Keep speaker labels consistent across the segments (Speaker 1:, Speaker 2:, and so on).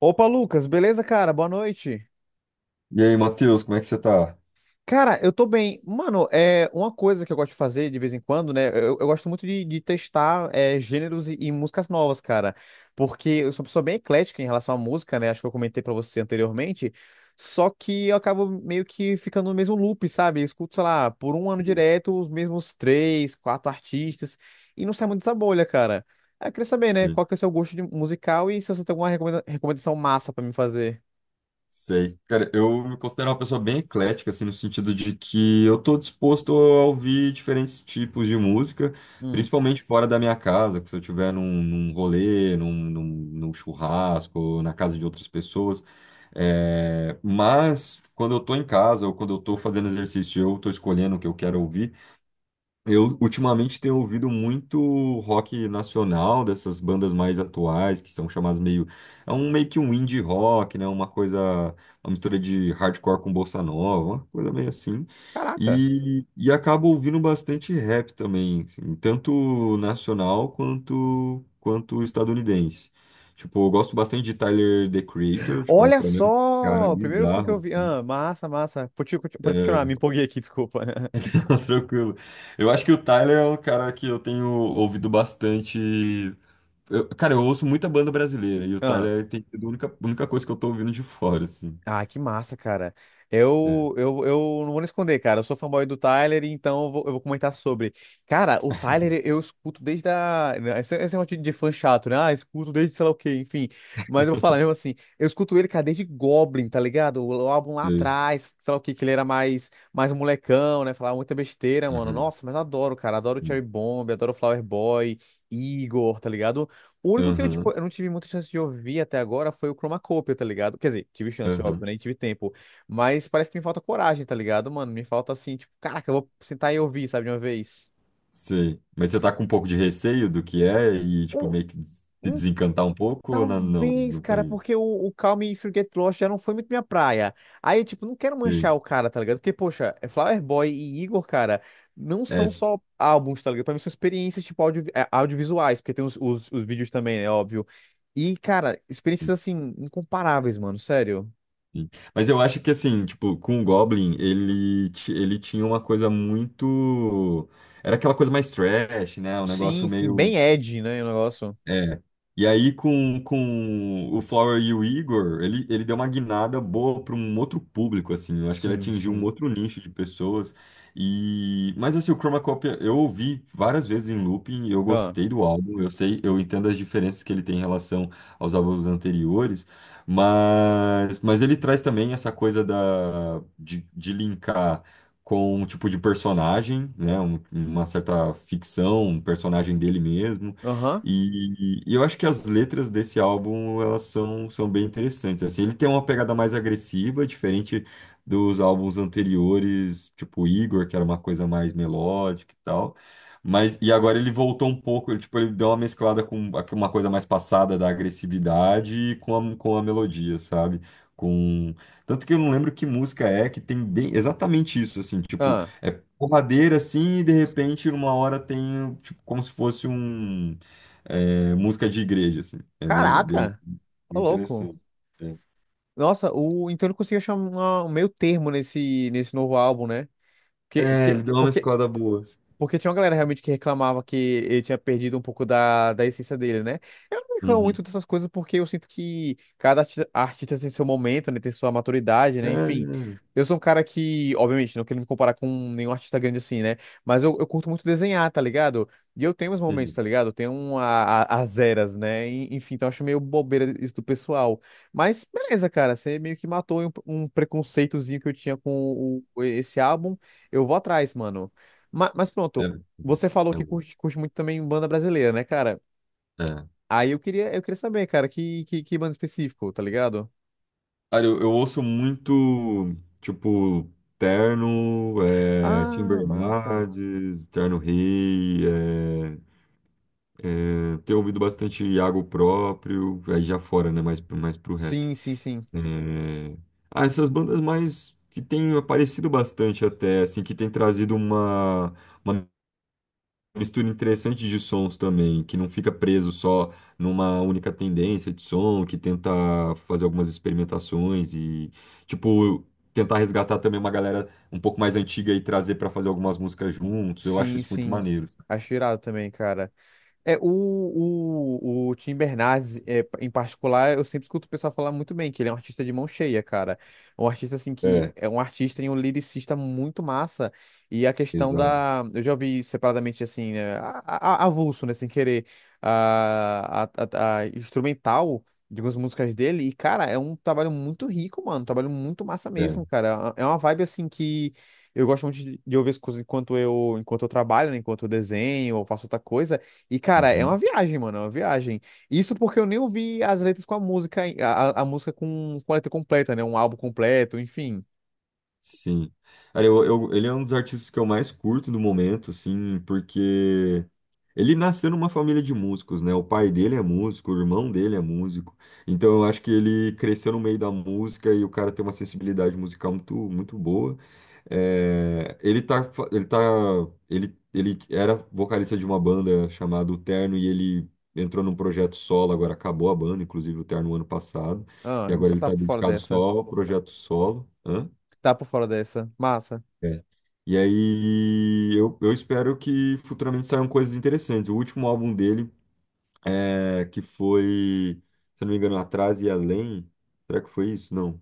Speaker 1: Opa, Lucas, beleza, cara? Boa noite.
Speaker 2: E aí, Matheus, como é que você tá?
Speaker 1: Cara, eu tô bem. Mano, é uma coisa que eu gosto de fazer de vez em quando, né? Eu gosto muito de testar gêneros e músicas novas, cara. Porque eu sou uma pessoa bem eclética em relação à música, né? Acho que eu comentei pra você anteriormente. Só que eu acabo meio que ficando no mesmo loop, sabe? Eu escuto, sei lá, por um ano direto, os mesmos três, quatro artistas, e não sai muito dessa bolha, cara. Aí eu queria saber, né?
Speaker 2: Sim,
Speaker 1: Qual que é o seu gosto musical e se você tem alguma recomendação massa pra me fazer.
Speaker 2: sei. Cara, eu me considero uma pessoa bem eclética, assim, no sentido de que eu tô disposto a ouvir diferentes tipos de música,
Speaker 1: Hum.
Speaker 2: principalmente fora da minha casa, que se eu estiver num rolê, num churrasco, ou na casa de outras pessoas. É, mas quando eu tô em casa ou quando eu tô fazendo exercício, eu tô escolhendo o que eu quero ouvir. Eu ultimamente tenho ouvido muito rock nacional, dessas bandas mais atuais, que são chamadas meio. É um meio que um indie rock, né? Uma coisa. Uma mistura de hardcore com bossa nova, uma coisa meio assim.
Speaker 1: Caraca.
Speaker 2: E acabo ouvindo bastante rap também, assim, tanto nacional quanto, quanto estadunidense. Tipo, eu gosto bastante de Tyler, The Creator, tipo, é um,
Speaker 1: Olha
Speaker 2: pra mim, é um cara
Speaker 1: só! Primeiro fã que
Speaker 2: bizarro,
Speaker 1: eu vi.
Speaker 2: assim.
Speaker 1: Ah, massa, massa. Pode continuar,
Speaker 2: É,
Speaker 1: me empolguei aqui, desculpa.
Speaker 2: tranquilo. Eu acho que o Tyler é um cara que eu tenho ouvido bastante. Eu- cara, eu ouço muita banda brasileira e o
Speaker 1: Ah.
Speaker 2: Tyler tem sido a única coisa que eu tô ouvindo de fora, assim.
Speaker 1: Ah, que massa, cara.
Speaker 2: É.
Speaker 1: Eu não vou nem esconder, cara. Eu sou fanboy do Tyler, então eu vou comentar sobre. Cara, o Tyler eu escuto desde a. né, esse negócio de fã chato, né? Ah, escuto desde sei lá o quê, enfim. Mas eu vou falar mesmo assim. Eu escuto ele, cara, desde Goblin, tá ligado? O álbum lá
Speaker 2: Sei.
Speaker 1: atrás, sei lá o quê, que ele era mais um molecão, né? Falava muita besteira, mano.
Speaker 2: Aham.
Speaker 1: Nossa, mas eu adoro, cara. Adoro Cherry Bomb, adoro Flower Boy, Igor, tá ligado? O único que tipo,
Speaker 2: Aham.
Speaker 1: eu não tive muita chance de ouvir até agora foi o Chromacopia, tá ligado? Quer dizer, tive chance, óbvio,
Speaker 2: Aham.
Speaker 1: né? E tive tempo. Mas parece que me falta coragem, tá ligado, mano? Me falta assim, tipo, caraca, eu vou sentar e ouvir, sabe, de uma vez.
Speaker 2: Sei. Mas você tá com um pouco de receio do que é e, tipo,
Speaker 1: Um-
Speaker 2: meio que se
Speaker 1: um
Speaker 2: desencantar um pouco ou não? Não,
Speaker 1: Talvez,
Speaker 2: não
Speaker 1: cara,
Speaker 2: foi.
Speaker 1: porque o Call Me If You Get Lost já não foi muito minha praia. Aí, tipo, não quero
Speaker 2: Sei.
Speaker 1: manchar o cara, tá ligado? Porque, poxa, é Flower Boy e Igor, cara, não
Speaker 2: É.
Speaker 1: são só álbuns, tá ligado? Pra mim são experiências, tipo, audiovisuais, porque tem os vídeos também, é óbvio. E, cara, experiências, assim, incomparáveis, mano, sério.
Speaker 2: Sim. Mas eu acho que assim, tipo, com o Goblin, ele, ti- ele tinha uma coisa muito. Era aquela coisa mais trash, né? Um
Speaker 1: Sim,
Speaker 2: negócio
Speaker 1: sim,
Speaker 2: meio
Speaker 1: bem Ed, né, o negócio.
Speaker 2: é. E aí, com o Flower e o Igor, ele deu uma guinada boa para um outro público, assim. Eu acho que ele
Speaker 1: Sim,
Speaker 2: atingiu um
Speaker 1: sim.
Speaker 2: outro nicho de pessoas. E... mas, assim, o Chroma Copy eu ouvi várias vezes em looping, eu
Speaker 1: Ah,
Speaker 2: gostei do álbum, eu sei, eu entendo as diferenças que ele tem em relação aos álbuns anteriores, mas ele traz também essa coisa da, de linkar com um tipo de personagem, né? Um- uma certa ficção, um personagem dele mesmo
Speaker 1: aham,
Speaker 2: e eu acho que as letras desse álbum, elas são, são bem interessantes, assim, ele tem uma pegada mais agressiva, diferente dos álbuns anteriores, tipo Igor, que era uma coisa mais melódica e tal, mas, e agora ele voltou um pouco, ele, tipo, ele deu uma mesclada com aqui uma coisa mais passada da agressividade e com a melodia, sabe? Com... tanto que eu não lembro que música é que tem bem exatamente isso, assim, tipo,
Speaker 1: ah.
Speaker 2: é porradeira assim, e de repente, numa hora tem, tipo, como se fosse um. É, música de igreja, assim. É bem, bem,
Speaker 1: Caraca, ô
Speaker 2: bem
Speaker 1: louco.
Speaker 2: interessante. É.
Speaker 1: Nossa, então ele conseguiu achar um meio termo nesse novo álbum, né? Porque,
Speaker 2: É,
Speaker 1: porque,
Speaker 2: ele deu uma
Speaker 1: porque
Speaker 2: mesclada boa. Assim.
Speaker 1: porque tinha uma galera realmente que reclamava que ele tinha perdido um pouco da essência dele, né? Eu não reclamo
Speaker 2: Uhum.
Speaker 1: muito dessas coisas porque eu sinto que cada artista tem seu momento, né? Tem sua maturidade,
Speaker 2: É,
Speaker 1: né? Enfim.
Speaker 2: é,
Speaker 1: Eu sou um cara que, obviamente, não quero me comparar com nenhum artista grande assim, né? Mas eu curto muito desenhar, tá ligado? E eu tenho meus momentos,
Speaker 2: sim.
Speaker 1: tá ligado? Eu tenho as eras, né? Enfim, então eu acho meio bobeira isso do pessoal. Mas beleza, cara, você meio que matou um preconceitozinho que eu tinha com esse álbum. Eu vou atrás, mano. Mas,
Speaker 2: É,
Speaker 1: pronto,
Speaker 2: é
Speaker 1: você falou que
Speaker 2: bom.
Speaker 1: curte muito também banda brasileira, né, cara?
Speaker 2: É.
Speaker 1: Aí eu queria saber, cara, que banda específico, tá ligado?
Speaker 2: Cara, eu ouço muito, tipo, Terno, é, Tim
Speaker 1: Ah, massa.
Speaker 2: Bernardes, Terno Rei, é, é, tenho ouvido bastante Iago próprio, aí já fora, né, mais pro rap.
Speaker 1: Sim, sim, sim.
Speaker 2: É, ah, essas bandas mais que têm aparecido bastante até, assim, que têm trazido uma mistura interessante de sons também, que não fica preso só numa única tendência de som, que tenta fazer algumas experimentações e, tipo, tentar resgatar também uma galera um pouco mais antiga e trazer para fazer algumas músicas juntos. Eu acho
Speaker 1: Sim,
Speaker 2: isso muito
Speaker 1: sim.
Speaker 2: maneiro.
Speaker 1: Acho irado também, cara. É, o Tim Bernardes, em particular, eu sempre escuto o pessoal falar muito bem, que ele é um artista de mão cheia, cara. Um artista, assim, que
Speaker 2: É,
Speaker 1: é um artista e um lyricista muito massa. E a questão
Speaker 2: exato.
Speaker 1: da. Eu já ouvi separadamente, assim, né, avulso, né, sem querer, a, a, a instrumental de algumas músicas dele. E, cara, é um trabalho muito rico, mano. Um trabalho muito massa
Speaker 2: É.
Speaker 1: mesmo, cara. É uma vibe, assim, que. Eu gosto muito de ouvir as coisas enquanto eu trabalho, né, enquanto eu desenho ou faço outra coisa. E, cara, é uma
Speaker 2: Uhum.
Speaker 1: viagem, mano, é uma viagem. Isso porque eu nem ouvi as letras com a música, a música com a letra completa, né? Um álbum completo, enfim.
Speaker 2: Sim. Cara, eu- ele é um dos artistas que eu mais curto no momento, assim, porque ele nasceu numa família de músicos, né? O pai dele é músico, o irmão dele é músico. Então eu acho que ele cresceu no meio da música e o cara tem uma sensibilidade musical muito, muito boa. É, ele tá, fa- ele tá, ele era vocalista de uma banda chamada O Terno e ele entrou num projeto solo, agora acabou a banda, inclusive o Terno ano passado,
Speaker 1: Ah,
Speaker 2: e
Speaker 1: a gente
Speaker 2: agora
Speaker 1: só
Speaker 2: ele
Speaker 1: tá
Speaker 2: tá
Speaker 1: por fora
Speaker 2: dedicado só
Speaker 1: dessa.
Speaker 2: ao projeto solo. Hã?
Speaker 1: Tá por fora dessa. Massa.
Speaker 2: É. E aí eu espero que futuramente saiam coisas interessantes. O último álbum dele, é, que foi, se eu não me engano, Atrás e Além. Será que foi isso? Não.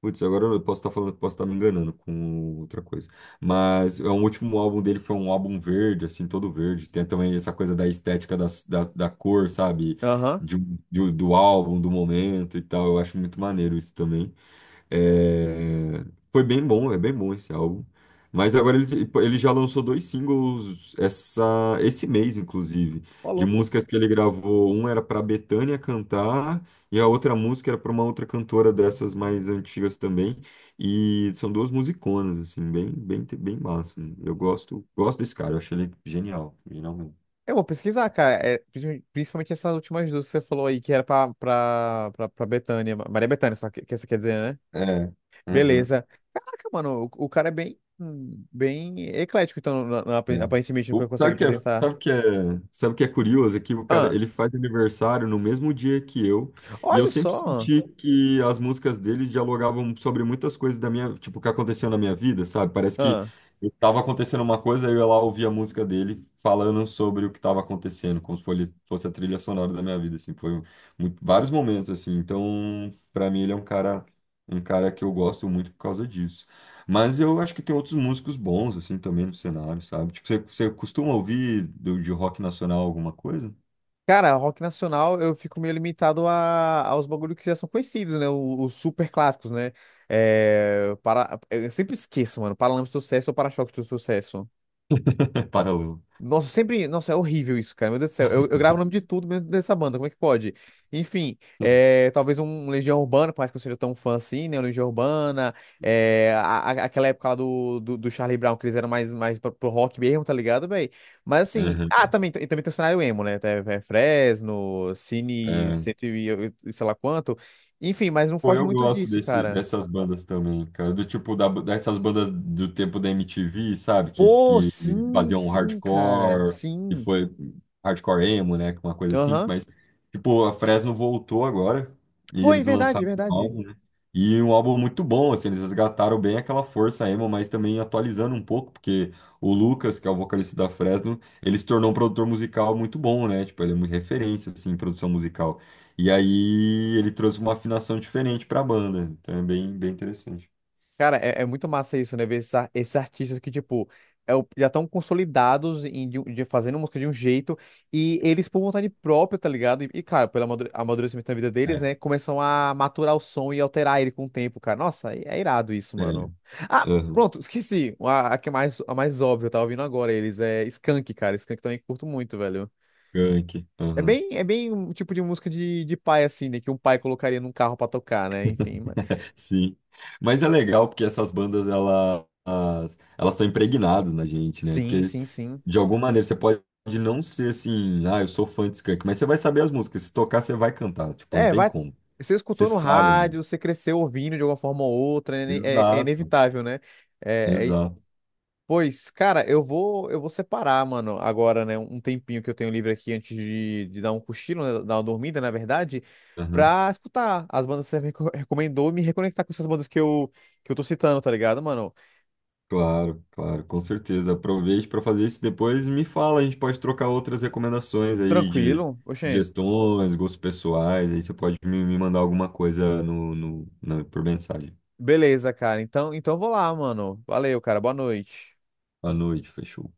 Speaker 2: Putz, agora eu posso estar falando, posso estar me enganando com outra coisa. Mas é, o último álbum dele foi um álbum verde, assim, todo verde. Tem também essa coisa da estética das- da, da, cor, sabe?
Speaker 1: Aham.
Speaker 2: De um- do álbum, do momento e tal. Eu acho muito maneiro isso também. É, foi bem bom, é bem bom esse álbum. Mas agora ele, tipo, ele já lançou dois singles essa, esse mês, inclusive,
Speaker 1: Ó,
Speaker 2: de
Speaker 1: louco.
Speaker 2: músicas que ele gravou. Um era para Bethânia cantar, e a outra música era para uma outra cantora dessas mais antigas também. E são duas musiconas, assim, bem, bem, bem massa. Eu gosto, gosto desse cara, eu achei ele genial, genial mesmo.
Speaker 1: Eu vou pesquisar, cara. É, principalmente essas últimas duas que você falou aí, que era pra Bethânia. Maria Bethânia, só que você quer dizer, né?
Speaker 2: É. Uhum.
Speaker 1: Beleza. Caraca, mano, o cara é bem, bem eclético, então,
Speaker 2: É.
Speaker 1: aparentemente, no que
Speaker 2: O-
Speaker 1: ele consegue
Speaker 2: sabe que é,
Speaker 1: apresentar.
Speaker 2: sabe que é, sabe que é curioso? É que o cara,
Speaker 1: Ah,
Speaker 2: ele faz aniversário no mesmo dia que eu, e eu
Speaker 1: olha
Speaker 2: sempre
Speaker 1: só.
Speaker 2: senti que as músicas dele dialogavam sobre muitas coisas da minha, tipo, que aconteceu na minha vida, sabe? Parece que eu tava acontecendo uma coisa, aí eu ia lá ouvia a música dele falando sobre o que tava acontecendo, como se fosse a trilha sonora da minha vida, assim, foi um- muito- vários momentos, assim. Então, pra mim, ele é um cara que eu gosto muito por causa disso. Mas eu acho que tem outros músicos bons, assim, também no cenário, sabe? Tipo, você costuma ouvir do- de rock nacional alguma coisa?
Speaker 1: Cara, rock nacional eu fico meio limitado aos bagulhos que já são conhecidos, né? Os super clássicos, né? É, eu sempre esqueço, mano. Paralamas do Sucesso ou Para-choques do Sucesso?
Speaker 2: Paralelo.
Speaker 1: Nossa, sempre. Nossa, é horrível isso, cara. Meu Deus do céu. Eu gravo o nome de tudo mesmo dessa banda. Como é que pode? Enfim, talvez um Legião Urbana, por mais que eu seja tão fã assim, né? O Legião Urbana. É, aquela época lá do Charlie Brown, que eles eram mais pro rock mesmo, tá ligado, velho? Mas assim. Ah,
Speaker 2: Uhum.
Speaker 1: também, e também tem o cenário emo, né? Tem, Fresno, Cine, cento e sei lá quanto. Enfim, mas não
Speaker 2: Pô,
Speaker 1: foge
Speaker 2: eu
Speaker 1: muito
Speaker 2: gosto
Speaker 1: disso,
Speaker 2: desse,
Speaker 1: cara.
Speaker 2: dessas bandas também, cara. Do tipo, da, dessas bandas do tempo da MTV, sabe?
Speaker 1: Pô,
Speaker 2: Que
Speaker 1: sim,
Speaker 2: faziam
Speaker 1: sim, cara.
Speaker 2: hardcore, e
Speaker 1: Sim.
Speaker 2: foi hardcore emo, né? Uma coisa assim.
Speaker 1: Aham.
Speaker 2: Mas, tipo, a Fresno voltou agora e
Speaker 1: Foi,
Speaker 2: eles
Speaker 1: verdade,
Speaker 2: lançaram um
Speaker 1: verdade.
Speaker 2: álbum, né? E um álbum muito bom, assim. Eles resgataram bem aquela força emo, mas também atualizando um pouco, porque o Lucas, que é o vocalista da Fresno, ele se tornou um produtor musical muito bom, né? Tipo, ele é muito referência, assim, em produção musical. E aí ele trouxe uma afinação diferente para a banda. Então é bem, bem interessante.
Speaker 1: Cara, é muito massa isso, né? Ver esses artistas que, tipo, já estão consolidados de fazendo música de um jeito e eles, por vontade própria, tá ligado? E, cara, pelo amadurecimento da vida deles,
Speaker 2: É,
Speaker 1: né? Começam a maturar o som e alterar ele com o tempo, cara. Nossa, é irado isso,
Speaker 2: é,
Speaker 1: mano. Ah,
Speaker 2: aham,
Speaker 1: pronto, esqueci. A que é a mais óbvia, eu tava ouvindo agora eles. É Skank, cara. Skank também curto muito, velho.
Speaker 2: Gank,
Speaker 1: É
Speaker 2: aham,
Speaker 1: bem, é bem um tipo de música de pai, assim, né? Que um pai colocaria num carro pra tocar, né? Enfim, mas...
Speaker 2: sim. Mas é legal porque essas bandas elas elas estão impregnadas na gente, né?
Speaker 1: Sim,
Speaker 2: Porque
Speaker 1: sim, sim.
Speaker 2: de alguma maneira você pode não ser assim, ah, eu sou fã de Skank, mas você vai saber as músicas. Se tocar, você vai cantar. Tipo, não
Speaker 1: É,
Speaker 2: tem
Speaker 1: vai.
Speaker 2: como.
Speaker 1: Você
Speaker 2: Você
Speaker 1: escutou no
Speaker 2: sabe, mano.
Speaker 1: rádio, você cresceu ouvindo de alguma forma ou outra, é
Speaker 2: Exato,
Speaker 1: inevitável, né? É,
Speaker 2: exato.
Speaker 1: pois, cara, eu vou separar, mano, agora, né, um tempinho que eu tenho livre aqui antes de dar um cochilo, né, dar uma dormida, na verdade,
Speaker 2: Aham.
Speaker 1: pra escutar as bandas que você recomendou, e me reconectar com essas bandas que eu tô citando, tá ligado, mano?
Speaker 2: Claro, claro, com certeza. Aproveite para fazer isso depois e me fala. A gente pode trocar outras recomendações aí
Speaker 1: Tranquilo? Oxê.
Speaker 2: de gestões, gostos pessoais. Aí você pode me, me mandar alguma coisa no, no, na- por mensagem.
Speaker 1: Beleza, cara. Então eu vou lá, mano. Valeu, cara. Boa noite.
Speaker 2: À noite, fechou.